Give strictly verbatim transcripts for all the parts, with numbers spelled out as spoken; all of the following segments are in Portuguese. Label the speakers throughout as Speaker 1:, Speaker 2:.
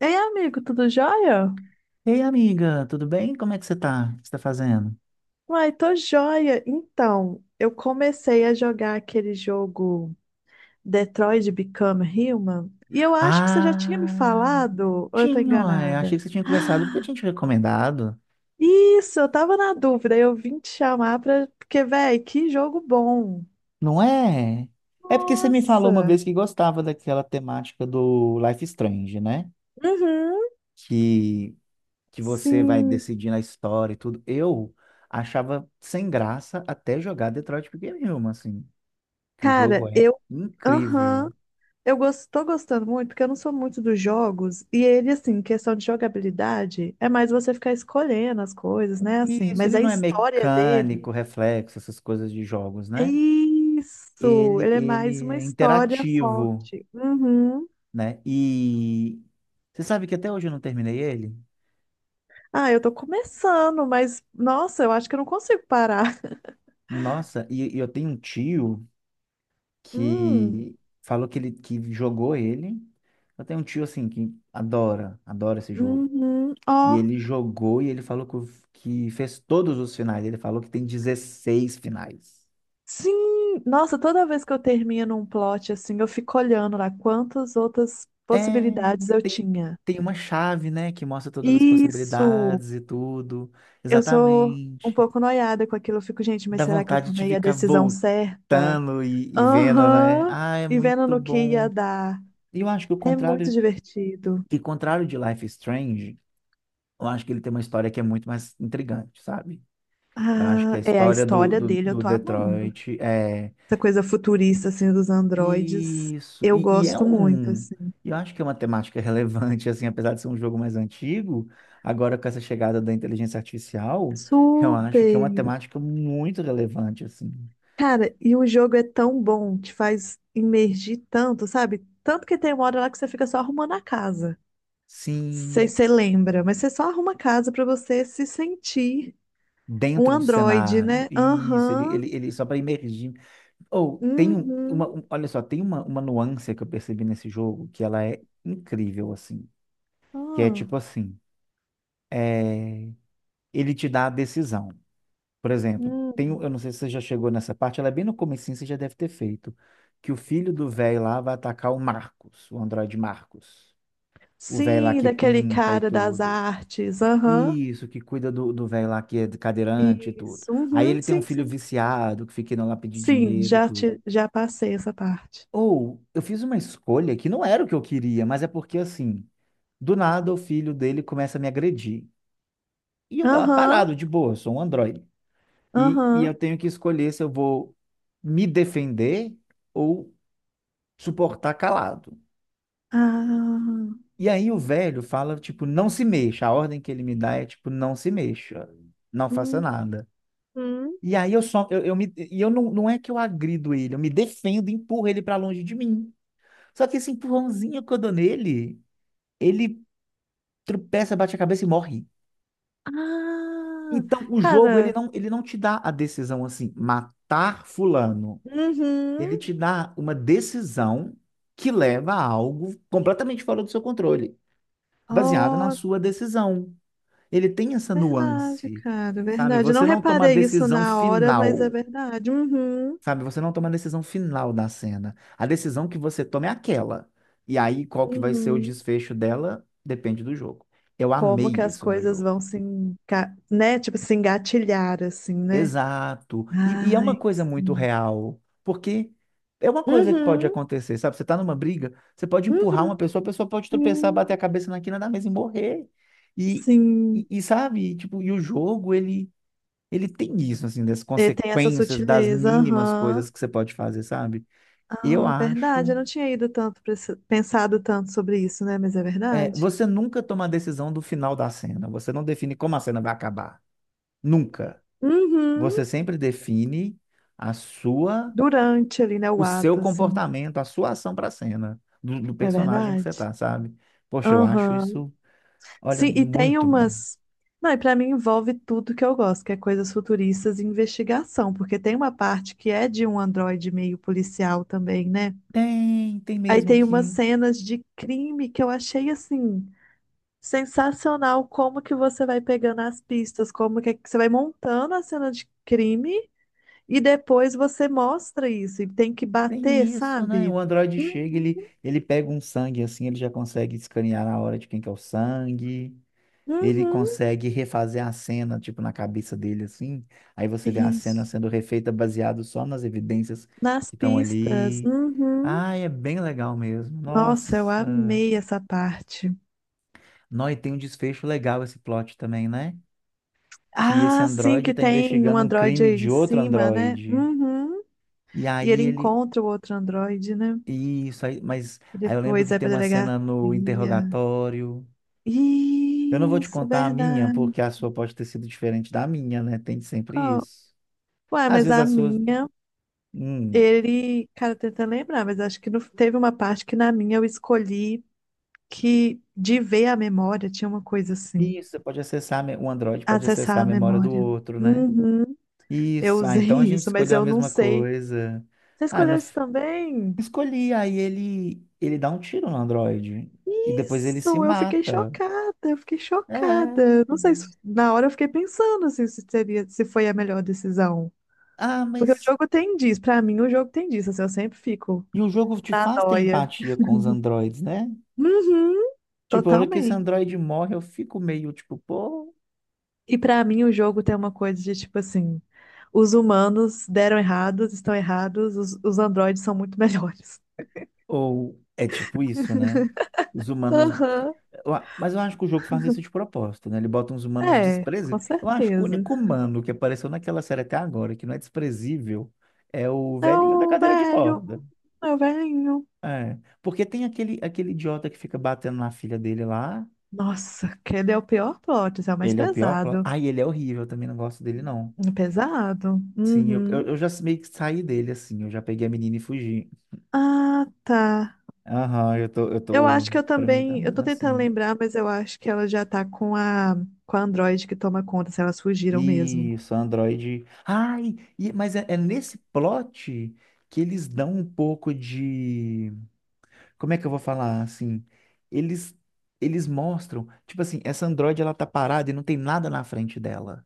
Speaker 1: Ei, amigo, tudo jóia?
Speaker 2: Ei, amiga, tudo bem? Como é que você tá? O que você tá fazendo?
Speaker 1: Uai, tô jóia. Então, eu comecei a jogar aquele jogo Detroit Become Human e eu acho que você já tinha me
Speaker 2: Ah,
Speaker 1: falado, ou eu tô
Speaker 2: tinha, ué. Achei
Speaker 1: enganada?
Speaker 2: que você tinha conversado porque eu tinha te recomendado.
Speaker 1: Isso, eu tava na dúvida, eu vim te chamar pra... Porque, véi, que jogo bom.
Speaker 2: Não é? É porque você me falou uma
Speaker 1: Nossa.
Speaker 2: vez que gostava daquela temática do Life is Strange, né?
Speaker 1: Uhum.
Speaker 2: Que, que você vai
Speaker 1: Sim.
Speaker 2: decidir na história e tudo. Eu achava sem graça até jogar Detroit Become Human, assim. Que o jogo
Speaker 1: Cara,
Speaker 2: é
Speaker 1: eu...
Speaker 2: incrível.
Speaker 1: Aham. Eu gos- tô gostando muito, porque eu não sou muito dos jogos, e ele, assim, em questão de jogabilidade, é mais você ficar escolhendo as coisas, né, assim,
Speaker 2: Isso,
Speaker 1: mas
Speaker 2: ele
Speaker 1: a
Speaker 2: não é
Speaker 1: história
Speaker 2: mecânico,
Speaker 1: dele,
Speaker 2: reflexo, essas coisas de jogos,
Speaker 1: é
Speaker 2: né?
Speaker 1: isso,
Speaker 2: ele,
Speaker 1: ele é mais
Speaker 2: ele
Speaker 1: uma
Speaker 2: é
Speaker 1: história
Speaker 2: interativo,
Speaker 1: forte. Uhum.
Speaker 2: né? E você sabe que até hoje eu não terminei ele?
Speaker 1: Ah, eu tô começando, mas, nossa, eu acho que eu não consigo parar.
Speaker 2: Nossa, e, e eu tenho um tio
Speaker 1: Hum,
Speaker 2: que falou que ele que jogou ele. Eu tenho um tio assim que adora, adora esse jogo.
Speaker 1: uhum,
Speaker 2: E
Speaker 1: ó,
Speaker 2: ele jogou e ele falou que, o- que fez todos os finais. Ele falou que tem dezesseis finais.
Speaker 1: sim, nossa, toda vez que eu termino um plot, assim, eu fico olhando lá quantas outras
Speaker 2: É,
Speaker 1: possibilidades eu
Speaker 2: tem,
Speaker 1: tinha.
Speaker 2: tem uma chave, né, que mostra todas as
Speaker 1: Isso!
Speaker 2: possibilidades e tudo.
Speaker 1: Eu sou um
Speaker 2: Exatamente.
Speaker 1: pouco noiada com aquilo. Eu fico, gente, mas
Speaker 2: Dá
Speaker 1: será que eu
Speaker 2: vontade de
Speaker 1: tomei a
Speaker 2: ficar
Speaker 1: decisão certa?
Speaker 2: voltando e, e vendo, né?
Speaker 1: Aham.
Speaker 2: Ah, é
Speaker 1: E vendo
Speaker 2: muito
Speaker 1: no que ia
Speaker 2: bom.
Speaker 1: dar.
Speaker 2: E eu acho que o
Speaker 1: É muito
Speaker 2: contrário,
Speaker 1: divertido.
Speaker 2: que contrário de Life is Strange, eu acho que ele tem uma história que é muito mais intrigante, sabe? Eu acho que a
Speaker 1: Ah, é a
Speaker 2: história do,
Speaker 1: história
Speaker 2: do,
Speaker 1: dele, eu
Speaker 2: do
Speaker 1: tô amando.
Speaker 2: Detroit é
Speaker 1: Essa coisa futurista, assim, dos androides,
Speaker 2: isso.
Speaker 1: eu
Speaker 2: E, e é
Speaker 1: gosto muito,
Speaker 2: um.
Speaker 1: assim.
Speaker 2: Eu acho que é uma temática relevante, assim, apesar de ser um jogo mais antigo, agora com essa chegada da inteligência artificial, eu acho que é uma
Speaker 1: Super!
Speaker 2: temática muito relevante, assim.
Speaker 1: Cara, e o jogo é tão bom, te faz imergir tanto, sabe? Tanto que tem uma hora lá que você fica só arrumando a casa. Sei
Speaker 2: Sim.
Speaker 1: se você lembra, mas você só arruma a casa pra você se sentir um
Speaker 2: Dentro do
Speaker 1: Android,
Speaker 2: cenário.
Speaker 1: né?
Speaker 2: Isso, ele,
Speaker 1: Aham.
Speaker 2: ele, ele só para imergir. Ou tem um- uma,
Speaker 1: Uhum.
Speaker 2: um- olha só, tem uma, uma nuance que eu percebi nesse jogo que ela é incrível assim, que é
Speaker 1: Ah.
Speaker 2: tipo assim, é, ele te dá a decisão. Por exemplo, tem, um- eu
Speaker 1: Hum.
Speaker 2: não sei se você já chegou nessa parte, ela é bem no comecinho, você já deve ter feito, que o filho do velho lá vai atacar o Marcos, o androide Marcos. O velho lá
Speaker 1: Sim,
Speaker 2: que
Speaker 1: daquele
Speaker 2: pinta e
Speaker 1: cara das
Speaker 2: tudo.
Speaker 1: artes. Aham.
Speaker 2: Isso, que cuida do, do velho lá que é cadeirante e tudo.
Speaker 1: Isso.
Speaker 2: Aí
Speaker 1: Uhum.
Speaker 2: ele tem um
Speaker 1: Sim,
Speaker 2: filho
Speaker 1: sim.
Speaker 2: viciado que fica indo lá pedir
Speaker 1: Sim,
Speaker 2: dinheiro e
Speaker 1: já,
Speaker 2: tudo.
Speaker 1: te, já passei essa parte.
Speaker 2: Ou eu fiz uma escolha que não era o que eu queria, mas é porque assim, do nada o filho dele começa a me agredir. E eu lá
Speaker 1: Aham.
Speaker 2: parado, de boa, eu sou um androide. E, e
Speaker 1: Aham.
Speaker 2: eu tenho que escolher se eu vou me defender ou suportar calado.
Speaker 1: Ah.
Speaker 2: E aí o velho fala, tipo, não se mexa. A ordem que ele me dá é, tipo, não se mexa, não faça nada.
Speaker 1: Uhum.
Speaker 2: E aí eu só, eu, eu me, e eu não, não é que eu agrido ele, eu me defendo, e empurro ele pra longe de mim. Só que esse empurrãozinho que eu dou nele, ele tropeça, bate a cabeça e morre.
Speaker 1: Ah.
Speaker 2: Então o jogo, ele
Speaker 1: Cara.
Speaker 2: não, ele não te dá a decisão assim, matar fulano. Ele
Speaker 1: Uhum.
Speaker 2: te dá uma decisão que leva a algo completamente fora do seu controle, baseado na
Speaker 1: Oh,
Speaker 2: sua decisão. Ele tem essa
Speaker 1: verdade,
Speaker 2: nuance,
Speaker 1: cara.
Speaker 2: sabe?
Speaker 1: Verdade. Não
Speaker 2: Você não toma a
Speaker 1: reparei isso
Speaker 2: decisão
Speaker 1: na hora, mas é
Speaker 2: final.
Speaker 1: verdade. Uhum.
Speaker 2: Sabe, você não toma a decisão final da cena. A decisão que você toma é aquela. E aí, qual que vai ser o
Speaker 1: Uhum.
Speaker 2: desfecho dela, depende do jogo. Eu
Speaker 1: Como que
Speaker 2: amei
Speaker 1: as
Speaker 2: isso no
Speaker 1: coisas
Speaker 2: jogo.
Speaker 1: vão se, enga- né? Tipo, se engatilhar, assim, né?
Speaker 2: Exato. E, e é uma
Speaker 1: Ai,
Speaker 2: coisa muito
Speaker 1: sim.
Speaker 2: real, porque é uma coisa que pode
Speaker 1: Uhum,
Speaker 2: acontecer, sabe? Você tá numa briga, você pode empurrar uma
Speaker 1: uhum,
Speaker 2: pessoa, a pessoa pode tropeçar, bater a
Speaker 1: sim.
Speaker 2: cabeça na quina da mesa e morrer. E, e,
Speaker 1: Sim.
Speaker 2: e sabe, tipo, e o jogo, ele, ele tem isso, assim, das
Speaker 1: E tem essa
Speaker 2: consequências, das
Speaker 1: sutileza,
Speaker 2: mínimas
Speaker 1: aham.
Speaker 2: coisas que você pode fazer, sabe? Eu
Speaker 1: Ah, verdade,
Speaker 2: acho.
Speaker 1: eu não tinha ido tanto pra esse- pensado tanto sobre isso, né? Mas é
Speaker 2: É,
Speaker 1: verdade.
Speaker 2: você nunca toma a decisão do final da cena. Você não define como a cena vai acabar. Nunca. Você
Speaker 1: Uhum.
Speaker 2: sempre define a sua,
Speaker 1: Durante ali, né, o
Speaker 2: o seu
Speaker 1: ato, assim.
Speaker 2: comportamento, a sua ação para a cena, do, do
Speaker 1: É
Speaker 2: personagem que
Speaker 1: verdade.
Speaker 2: você tá, sabe? Poxa, eu acho
Speaker 1: Aham.
Speaker 2: isso, olha,
Speaker 1: Sim, e tem
Speaker 2: muito bom.
Speaker 1: umas. Não, e pra mim envolve tudo que eu gosto, que é coisas futuristas e investigação, porque tem uma parte que é de um androide meio policial também, né?
Speaker 2: Tem, tem
Speaker 1: Aí
Speaker 2: mesmo
Speaker 1: tem umas
Speaker 2: que
Speaker 1: cenas de crime que eu achei assim sensacional, como que você vai pegando as pistas, como que é que você vai montando a cena de crime e depois você mostra isso e tem que bater,
Speaker 2: tem isso, né?
Speaker 1: sabe?
Speaker 2: O Android chega, ele,
Speaker 1: Uhum.
Speaker 2: ele pega um sangue assim, ele já consegue escanear na hora de quem que é o sangue. Ele
Speaker 1: Uhum.
Speaker 2: consegue refazer a cena, tipo, na cabeça dele, assim. Aí você vê a cena
Speaker 1: Isso.
Speaker 2: sendo refeita baseado só nas evidências
Speaker 1: Nas
Speaker 2: que estão
Speaker 1: pistas.
Speaker 2: ali.
Speaker 1: Uhum.
Speaker 2: Ah, é bem legal mesmo.
Speaker 1: Nossa, eu
Speaker 2: Nossa.
Speaker 1: amei essa parte.
Speaker 2: Nó, e tem um desfecho legal esse plot também, né? Que esse
Speaker 1: Ah, sim,
Speaker 2: androide
Speaker 1: que
Speaker 2: está
Speaker 1: tem um
Speaker 2: investigando um
Speaker 1: androide
Speaker 2: crime
Speaker 1: aí em
Speaker 2: de outro
Speaker 1: cima, né?
Speaker 2: androide.
Speaker 1: Uhum.
Speaker 2: E
Speaker 1: E
Speaker 2: aí
Speaker 1: ele
Speaker 2: ele.
Speaker 1: encontra o outro androide, né?
Speaker 2: Isso aí, mas
Speaker 1: E
Speaker 2: aí eu lembro
Speaker 1: depois
Speaker 2: que
Speaker 1: vai
Speaker 2: tem
Speaker 1: pra
Speaker 2: uma
Speaker 1: delegacia.
Speaker 2: cena no interrogatório. Eu não vou te
Speaker 1: Isso,
Speaker 2: contar a minha,
Speaker 1: verdade.
Speaker 2: porque a sua pode ter sido diferente da minha, né? Tem sempre
Speaker 1: Qual?
Speaker 2: isso.
Speaker 1: Ué,
Speaker 2: Às
Speaker 1: mas
Speaker 2: vezes
Speaker 1: a
Speaker 2: as suas
Speaker 1: minha,
Speaker 2: Hum,
Speaker 1: ele. Cara, tenta lembrar, mas acho que não... Teve uma parte que na minha eu escolhi que de ver a memória tinha uma coisa assim.
Speaker 2: isso, você pode acessar, a me- o Android pode acessar
Speaker 1: Acessar
Speaker 2: a
Speaker 1: a
Speaker 2: memória do
Speaker 1: memória.
Speaker 2: outro, né?
Speaker 1: Uhum. Eu
Speaker 2: Isso, ah, então a
Speaker 1: usei
Speaker 2: gente
Speaker 1: isso, mas
Speaker 2: escolheu a
Speaker 1: eu não
Speaker 2: mesma
Speaker 1: sei.
Speaker 2: coisa.
Speaker 1: Você
Speaker 2: Ah, no,
Speaker 1: escolheu isso
Speaker 2: f-
Speaker 1: também?
Speaker 2: Escolhi, aí ele, ele dá um tiro no Android e depois ele se
Speaker 1: Isso, eu fiquei
Speaker 2: mata.
Speaker 1: chocada, eu fiquei
Speaker 2: É.
Speaker 1: chocada. Não sei se na hora eu fiquei pensando assim, se seria, se foi a melhor decisão.
Speaker 2: Ah,
Speaker 1: Porque o
Speaker 2: mas.
Speaker 1: jogo tem disso, Pra mim o jogo tem disso, assim, eu sempre fico
Speaker 2: E o jogo te
Speaker 1: na
Speaker 2: faz ter
Speaker 1: nóia.
Speaker 2: empatia com os androides, né?
Speaker 1: Uhum,
Speaker 2: Tipo, a hora que esse
Speaker 1: totalmente.
Speaker 2: androide morre, eu fico meio tipo, pô.
Speaker 1: E pra mim o jogo tem uma coisa de tipo assim, os humanos deram errados, estão errados, os, os androides são muito melhores.
Speaker 2: Ou é tipo isso, né? Os humanos.
Speaker 1: Aham.
Speaker 2: eu a- Mas eu acho que o jogo faz isso de propósito, né? Ele bota uns humanos
Speaker 1: É, com
Speaker 2: desprezíveis. Eu acho que o
Speaker 1: certeza.
Speaker 2: único humano que apareceu naquela série até agora, que não é desprezível, é o
Speaker 1: É
Speaker 2: velhinho da
Speaker 1: o
Speaker 2: cadeira de
Speaker 1: velho,
Speaker 2: roda.
Speaker 1: é o velhinho.
Speaker 2: É. Porque tem aquele, aquele idiota que fica batendo na filha dele lá.
Speaker 1: Nossa, aquele é o pior plot, esse é o mais
Speaker 2: Ele é o pior. pla-
Speaker 1: pesado.
Speaker 2: Ai, ele é horrível, eu também não gosto dele, não.
Speaker 1: É pesado?
Speaker 2: Sim, eu, eu,
Speaker 1: Uhum.
Speaker 2: eu já meio que saí dele, assim. Eu já peguei a menina e fugi.
Speaker 1: Ah, tá.
Speaker 2: Aham, eu tô, eu
Speaker 1: Eu
Speaker 2: tô.
Speaker 1: acho que eu
Speaker 2: Pra mim tá
Speaker 1: também. Eu
Speaker 2: andando
Speaker 1: tô tentando
Speaker 2: assim.
Speaker 1: lembrar, mas eu acho que ela já tá com a, com a Android que toma conta, se elas fugiram mesmo.
Speaker 2: Isso, Android. Ai, e- mas é, é nesse plot que eles dão um pouco de. Como é que eu vou falar assim? Eles, eles mostram, tipo assim, essa Android ela tá parada e não tem nada na frente dela.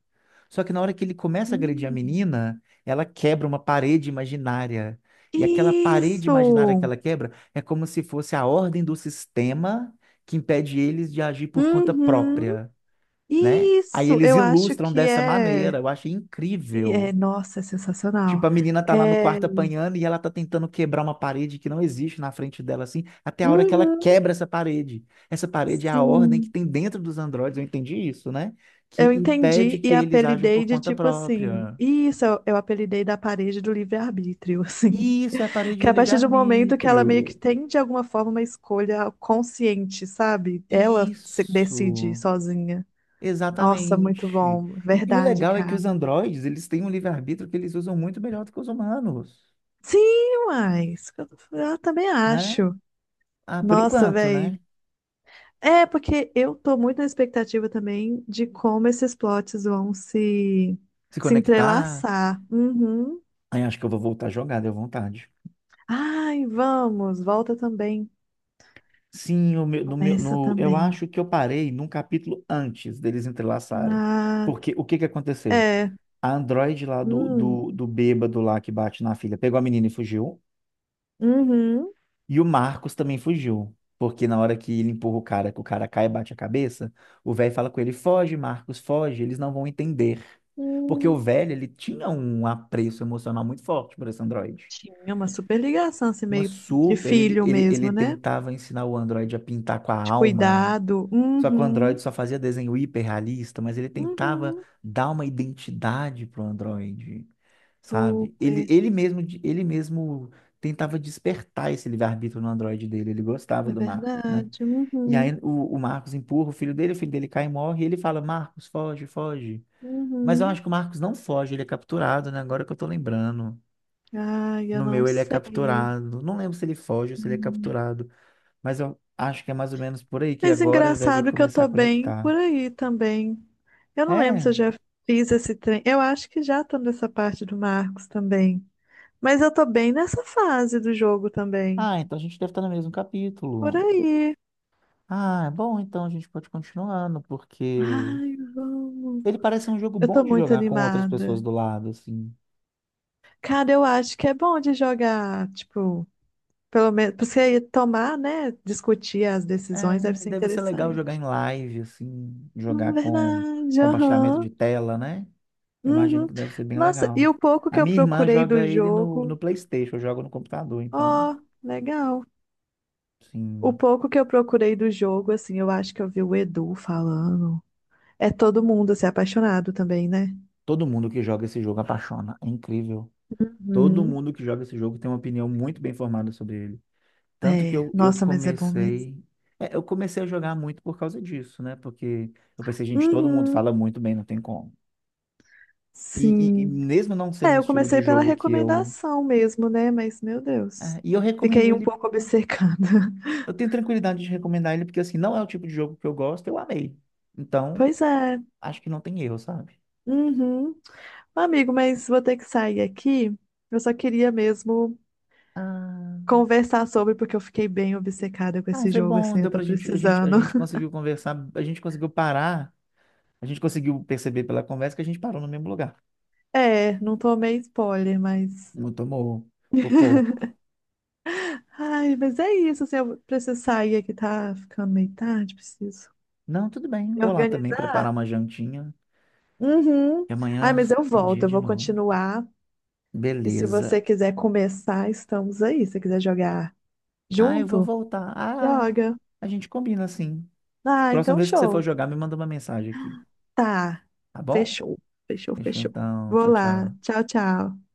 Speaker 2: Só que na hora que ele começa a agredir a
Speaker 1: Hum.
Speaker 2: menina, ela quebra uma parede imaginária. E aquela parede imaginária que
Speaker 1: Isso!
Speaker 2: ela quebra é como se fosse a ordem do sistema que impede eles de agir por conta
Speaker 1: Uhum.
Speaker 2: própria, né? Aí
Speaker 1: Isso!
Speaker 2: eles
Speaker 1: Eu acho
Speaker 2: ilustram
Speaker 1: que
Speaker 2: dessa
Speaker 1: é.
Speaker 2: maneira, eu achei
Speaker 1: E
Speaker 2: incrível.
Speaker 1: é, nossa, é
Speaker 2: Tipo,
Speaker 1: sensacional.
Speaker 2: a menina tá lá no
Speaker 1: É,
Speaker 2: quarto apanhando e ela tá tentando quebrar uma parede que não existe na frente dela, assim, até a hora que ela
Speaker 1: uhum.
Speaker 2: quebra essa parede. Essa parede é a ordem que
Speaker 1: Sim,
Speaker 2: tem dentro dos androides, eu entendi isso, né? Que
Speaker 1: eu
Speaker 2: impede
Speaker 1: entendi e
Speaker 2: que eles ajam
Speaker 1: apelidei
Speaker 2: por
Speaker 1: de
Speaker 2: conta
Speaker 1: tipo assim.
Speaker 2: própria.
Speaker 1: Isso eu, eu apelidei da parede do livre-arbítrio, assim.
Speaker 2: Isso é a parede
Speaker 1: Que
Speaker 2: do
Speaker 1: a partir do momento que ela meio que
Speaker 2: livre-arbítrio.
Speaker 1: tem de alguma forma uma escolha consciente, sabe? Ela se decide
Speaker 2: Isso,
Speaker 1: sozinha. Nossa, muito
Speaker 2: exatamente.
Speaker 1: bom.
Speaker 2: E, e o
Speaker 1: Verdade,
Speaker 2: legal é que
Speaker 1: cara.
Speaker 2: os androides, eles têm um livre-arbítrio que eles usam muito melhor do que os humanos,
Speaker 1: Sim, mas eu também
Speaker 2: né?
Speaker 1: acho.
Speaker 2: Ah, por
Speaker 1: Nossa,
Speaker 2: enquanto,
Speaker 1: velho.
Speaker 2: né?
Speaker 1: É, porque eu tô muito na expectativa também de como esses plots vão se,
Speaker 2: Se
Speaker 1: se
Speaker 2: conectar.
Speaker 1: entrelaçar. Uhum.
Speaker 2: Aí acho que eu vou voltar a jogar, deu vontade.
Speaker 1: Ai, vamos, volta também.
Speaker 2: Sim, o meu- no meu,
Speaker 1: Começa
Speaker 2: no, eu
Speaker 1: também.
Speaker 2: acho que eu parei num capítulo antes deles entrelaçarem.
Speaker 1: Ah,
Speaker 2: Porque o que que aconteceu?
Speaker 1: é.
Speaker 2: A Android lá do,
Speaker 1: Hum,
Speaker 2: do, do bêbado lá que bate na filha pegou a menina e fugiu.
Speaker 1: uhum.
Speaker 2: E o Marcos também fugiu. Porque na hora que ele empurra o cara, que o cara cai e bate a cabeça, o velho fala com ele: foge, Marcos, foge, eles não vão entender. Porque o
Speaker 1: Hum.
Speaker 2: velho, ele tinha um apreço emocional muito forte por esse Android.
Speaker 1: Tinha uma super ligação, assim,
Speaker 2: Uma
Speaker 1: meio de
Speaker 2: super, ele,
Speaker 1: filho
Speaker 2: ele, ele
Speaker 1: mesmo, né?
Speaker 2: tentava ensinar o Android a pintar com a
Speaker 1: De
Speaker 2: alma,
Speaker 1: cuidado.
Speaker 2: só que o Android
Speaker 1: Uhum.
Speaker 2: só fazia desenho hiperrealista, mas ele tentava
Speaker 1: Uhum.
Speaker 2: dar uma identidade pro Android, sabe? Ele,
Speaker 1: Super.
Speaker 2: ele mesmo, de- ele mesmo tentava despertar esse livre-arbítrio no Android dele, ele gostava
Speaker 1: É
Speaker 2: do Marcos, né?
Speaker 1: verdade.
Speaker 2: E aí
Speaker 1: Uhum.
Speaker 2: o, o Marcos empurra o filho dele, o filho dele cai e morre, e ele fala, Marcos, foge, foge. Mas eu
Speaker 1: Uhum.
Speaker 2: acho que o Marcos não foge, ele é capturado, né? Agora que eu tô lembrando.
Speaker 1: Ai, eu
Speaker 2: No
Speaker 1: não
Speaker 2: meu ele é
Speaker 1: sei.
Speaker 2: capturado. Não lembro se ele foge ou se ele é capturado. Mas eu acho que é mais ou menos por aí que
Speaker 1: Mas
Speaker 2: agora deve
Speaker 1: engraçado que eu
Speaker 2: começar a
Speaker 1: tô bem por
Speaker 2: conectar.
Speaker 1: aí também. Eu não lembro se eu
Speaker 2: É.
Speaker 1: já fiz esse trem. Eu acho que já tô nessa parte do Marcos também. Mas eu tô bem nessa fase do jogo também.
Speaker 2: Ah, então a gente deve estar no mesmo
Speaker 1: Por
Speaker 2: capítulo.
Speaker 1: aí.
Speaker 2: Ah, é bom, então a gente pode continuando, porque
Speaker 1: Ai, vamos.
Speaker 2: ele parece um jogo
Speaker 1: Eu
Speaker 2: bom
Speaker 1: tô
Speaker 2: de
Speaker 1: muito
Speaker 2: jogar com outras pessoas
Speaker 1: animada.
Speaker 2: do lado, assim.
Speaker 1: Cara, eu acho que é bom de jogar, tipo, pelo menos, pra você tomar, né? Discutir as decisões deve
Speaker 2: É,
Speaker 1: ser
Speaker 2: deve ser legal jogar
Speaker 1: interessante.
Speaker 2: em live, assim, jogar
Speaker 1: Hum,
Speaker 2: com
Speaker 1: Verdade,
Speaker 2: compartilhamento
Speaker 1: aham.
Speaker 2: de tela, né? Eu imagino
Speaker 1: Uhum.
Speaker 2: que deve ser bem
Speaker 1: Nossa,
Speaker 2: legal.
Speaker 1: e o pouco
Speaker 2: A
Speaker 1: que eu
Speaker 2: minha irmã
Speaker 1: procurei do
Speaker 2: joga ele no, no
Speaker 1: jogo.
Speaker 2: PlayStation, eu jogo no computador, então,
Speaker 1: Ó, legal. O
Speaker 2: sim,
Speaker 1: pouco que eu procurei do jogo, assim, eu acho que eu vi o Edu falando. É todo mundo, assim, apaixonado também, né?
Speaker 2: todo mundo que joga esse jogo apaixona. É incrível. Todo
Speaker 1: Uhum.
Speaker 2: mundo que joga esse jogo tem uma opinião muito bem formada sobre ele. Tanto que
Speaker 1: É,
Speaker 2: eu, eu
Speaker 1: nossa, mas é bom mesmo.
Speaker 2: comecei. É, eu comecei a jogar muito por causa disso, né? Porque eu pensei, gente, todo mundo
Speaker 1: Uhum,
Speaker 2: fala muito bem, não tem como. E, e, e
Speaker 1: sim.
Speaker 2: mesmo não sendo
Speaker 1: É,
Speaker 2: um
Speaker 1: eu
Speaker 2: estilo de
Speaker 1: comecei pela
Speaker 2: jogo que eu.
Speaker 1: recomendação mesmo, né? Mas, meu Deus,
Speaker 2: É, e eu recomendo
Speaker 1: fiquei um
Speaker 2: ele.
Speaker 1: pouco obcecada.
Speaker 2: Eu tenho tranquilidade de recomendar ele, porque assim, não é o tipo de jogo que eu gosto, eu amei. Então,
Speaker 1: Pois é.
Speaker 2: acho que não tem erro, sabe?
Speaker 1: Uhum. Amigo, mas vou ter que sair aqui. Eu só queria mesmo
Speaker 2: Ah,
Speaker 1: conversar sobre, porque eu fiquei bem obcecada com
Speaker 2: ah,
Speaker 1: esse
Speaker 2: foi
Speaker 1: jogo,
Speaker 2: bom,
Speaker 1: assim, eu
Speaker 2: deu
Speaker 1: tô
Speaker 2: pra gente, a gente, a
Speaker 1: precisando.
Speaker 2: gente conseguiu conversar, a gente conseguiu parar, a gente conseguiu perceber pela conversa que a gente parou no mesmo lugar.
Speaker 1: É, não tomei spoiler, mas.
Speaker 2: Não tomou por pouco.
Speaker 1: Ai, mas é isso, assim, eu preciso sair aqui, tá ficando meio tarde, preciso
Speaker 2: Não, tudo bem.
Speaker 1: me
Speaker 2: Vou lá também
Speaker 1: organizar.
Speaker 2: preparar uma jantinha.
Speaker 1: Uhum.
Speaker 2: E
Speaker 1: Ai,
Speaker 2: amanhã
Speaker 1: mas eu
Speaker 2: tem dia
Speaker 1: volto, eu
Speaker 2: de
Speaker 1: vou
Speaker 2: novo.
Speaker 1: continuar. E se
Speaker 2: Beleza.
Speaker 1: você quiser começar, estamos aí. Se você quiser jogar
Speaker 2: Ah, eu vou
Speaker 1: junto,
Speaker 2: voltar. Ah,
Speaker 1: joga.
Speaker 2: a gente combina assim.
Speaker 1: Ah,
Speaker 2: Próxima
Speaker 1: então
Speaker 2: vez que você for
Speaker 1: show.
Speaker 2: jogar, me manda uma mensagem aqui.
Speaker 1: Tá.
Speaker 2: Tá bom?
Speaker 1: Fechou, fechou,
Speaker 2: Fechou
Speaker 1: fechou.
Speaker 2: então.
Speaker 1: Vou
Speaker 2: Tchau,
Speaker 1: lá.
Speaker 2: tchau.
Speaker 1: Tchau, tchau.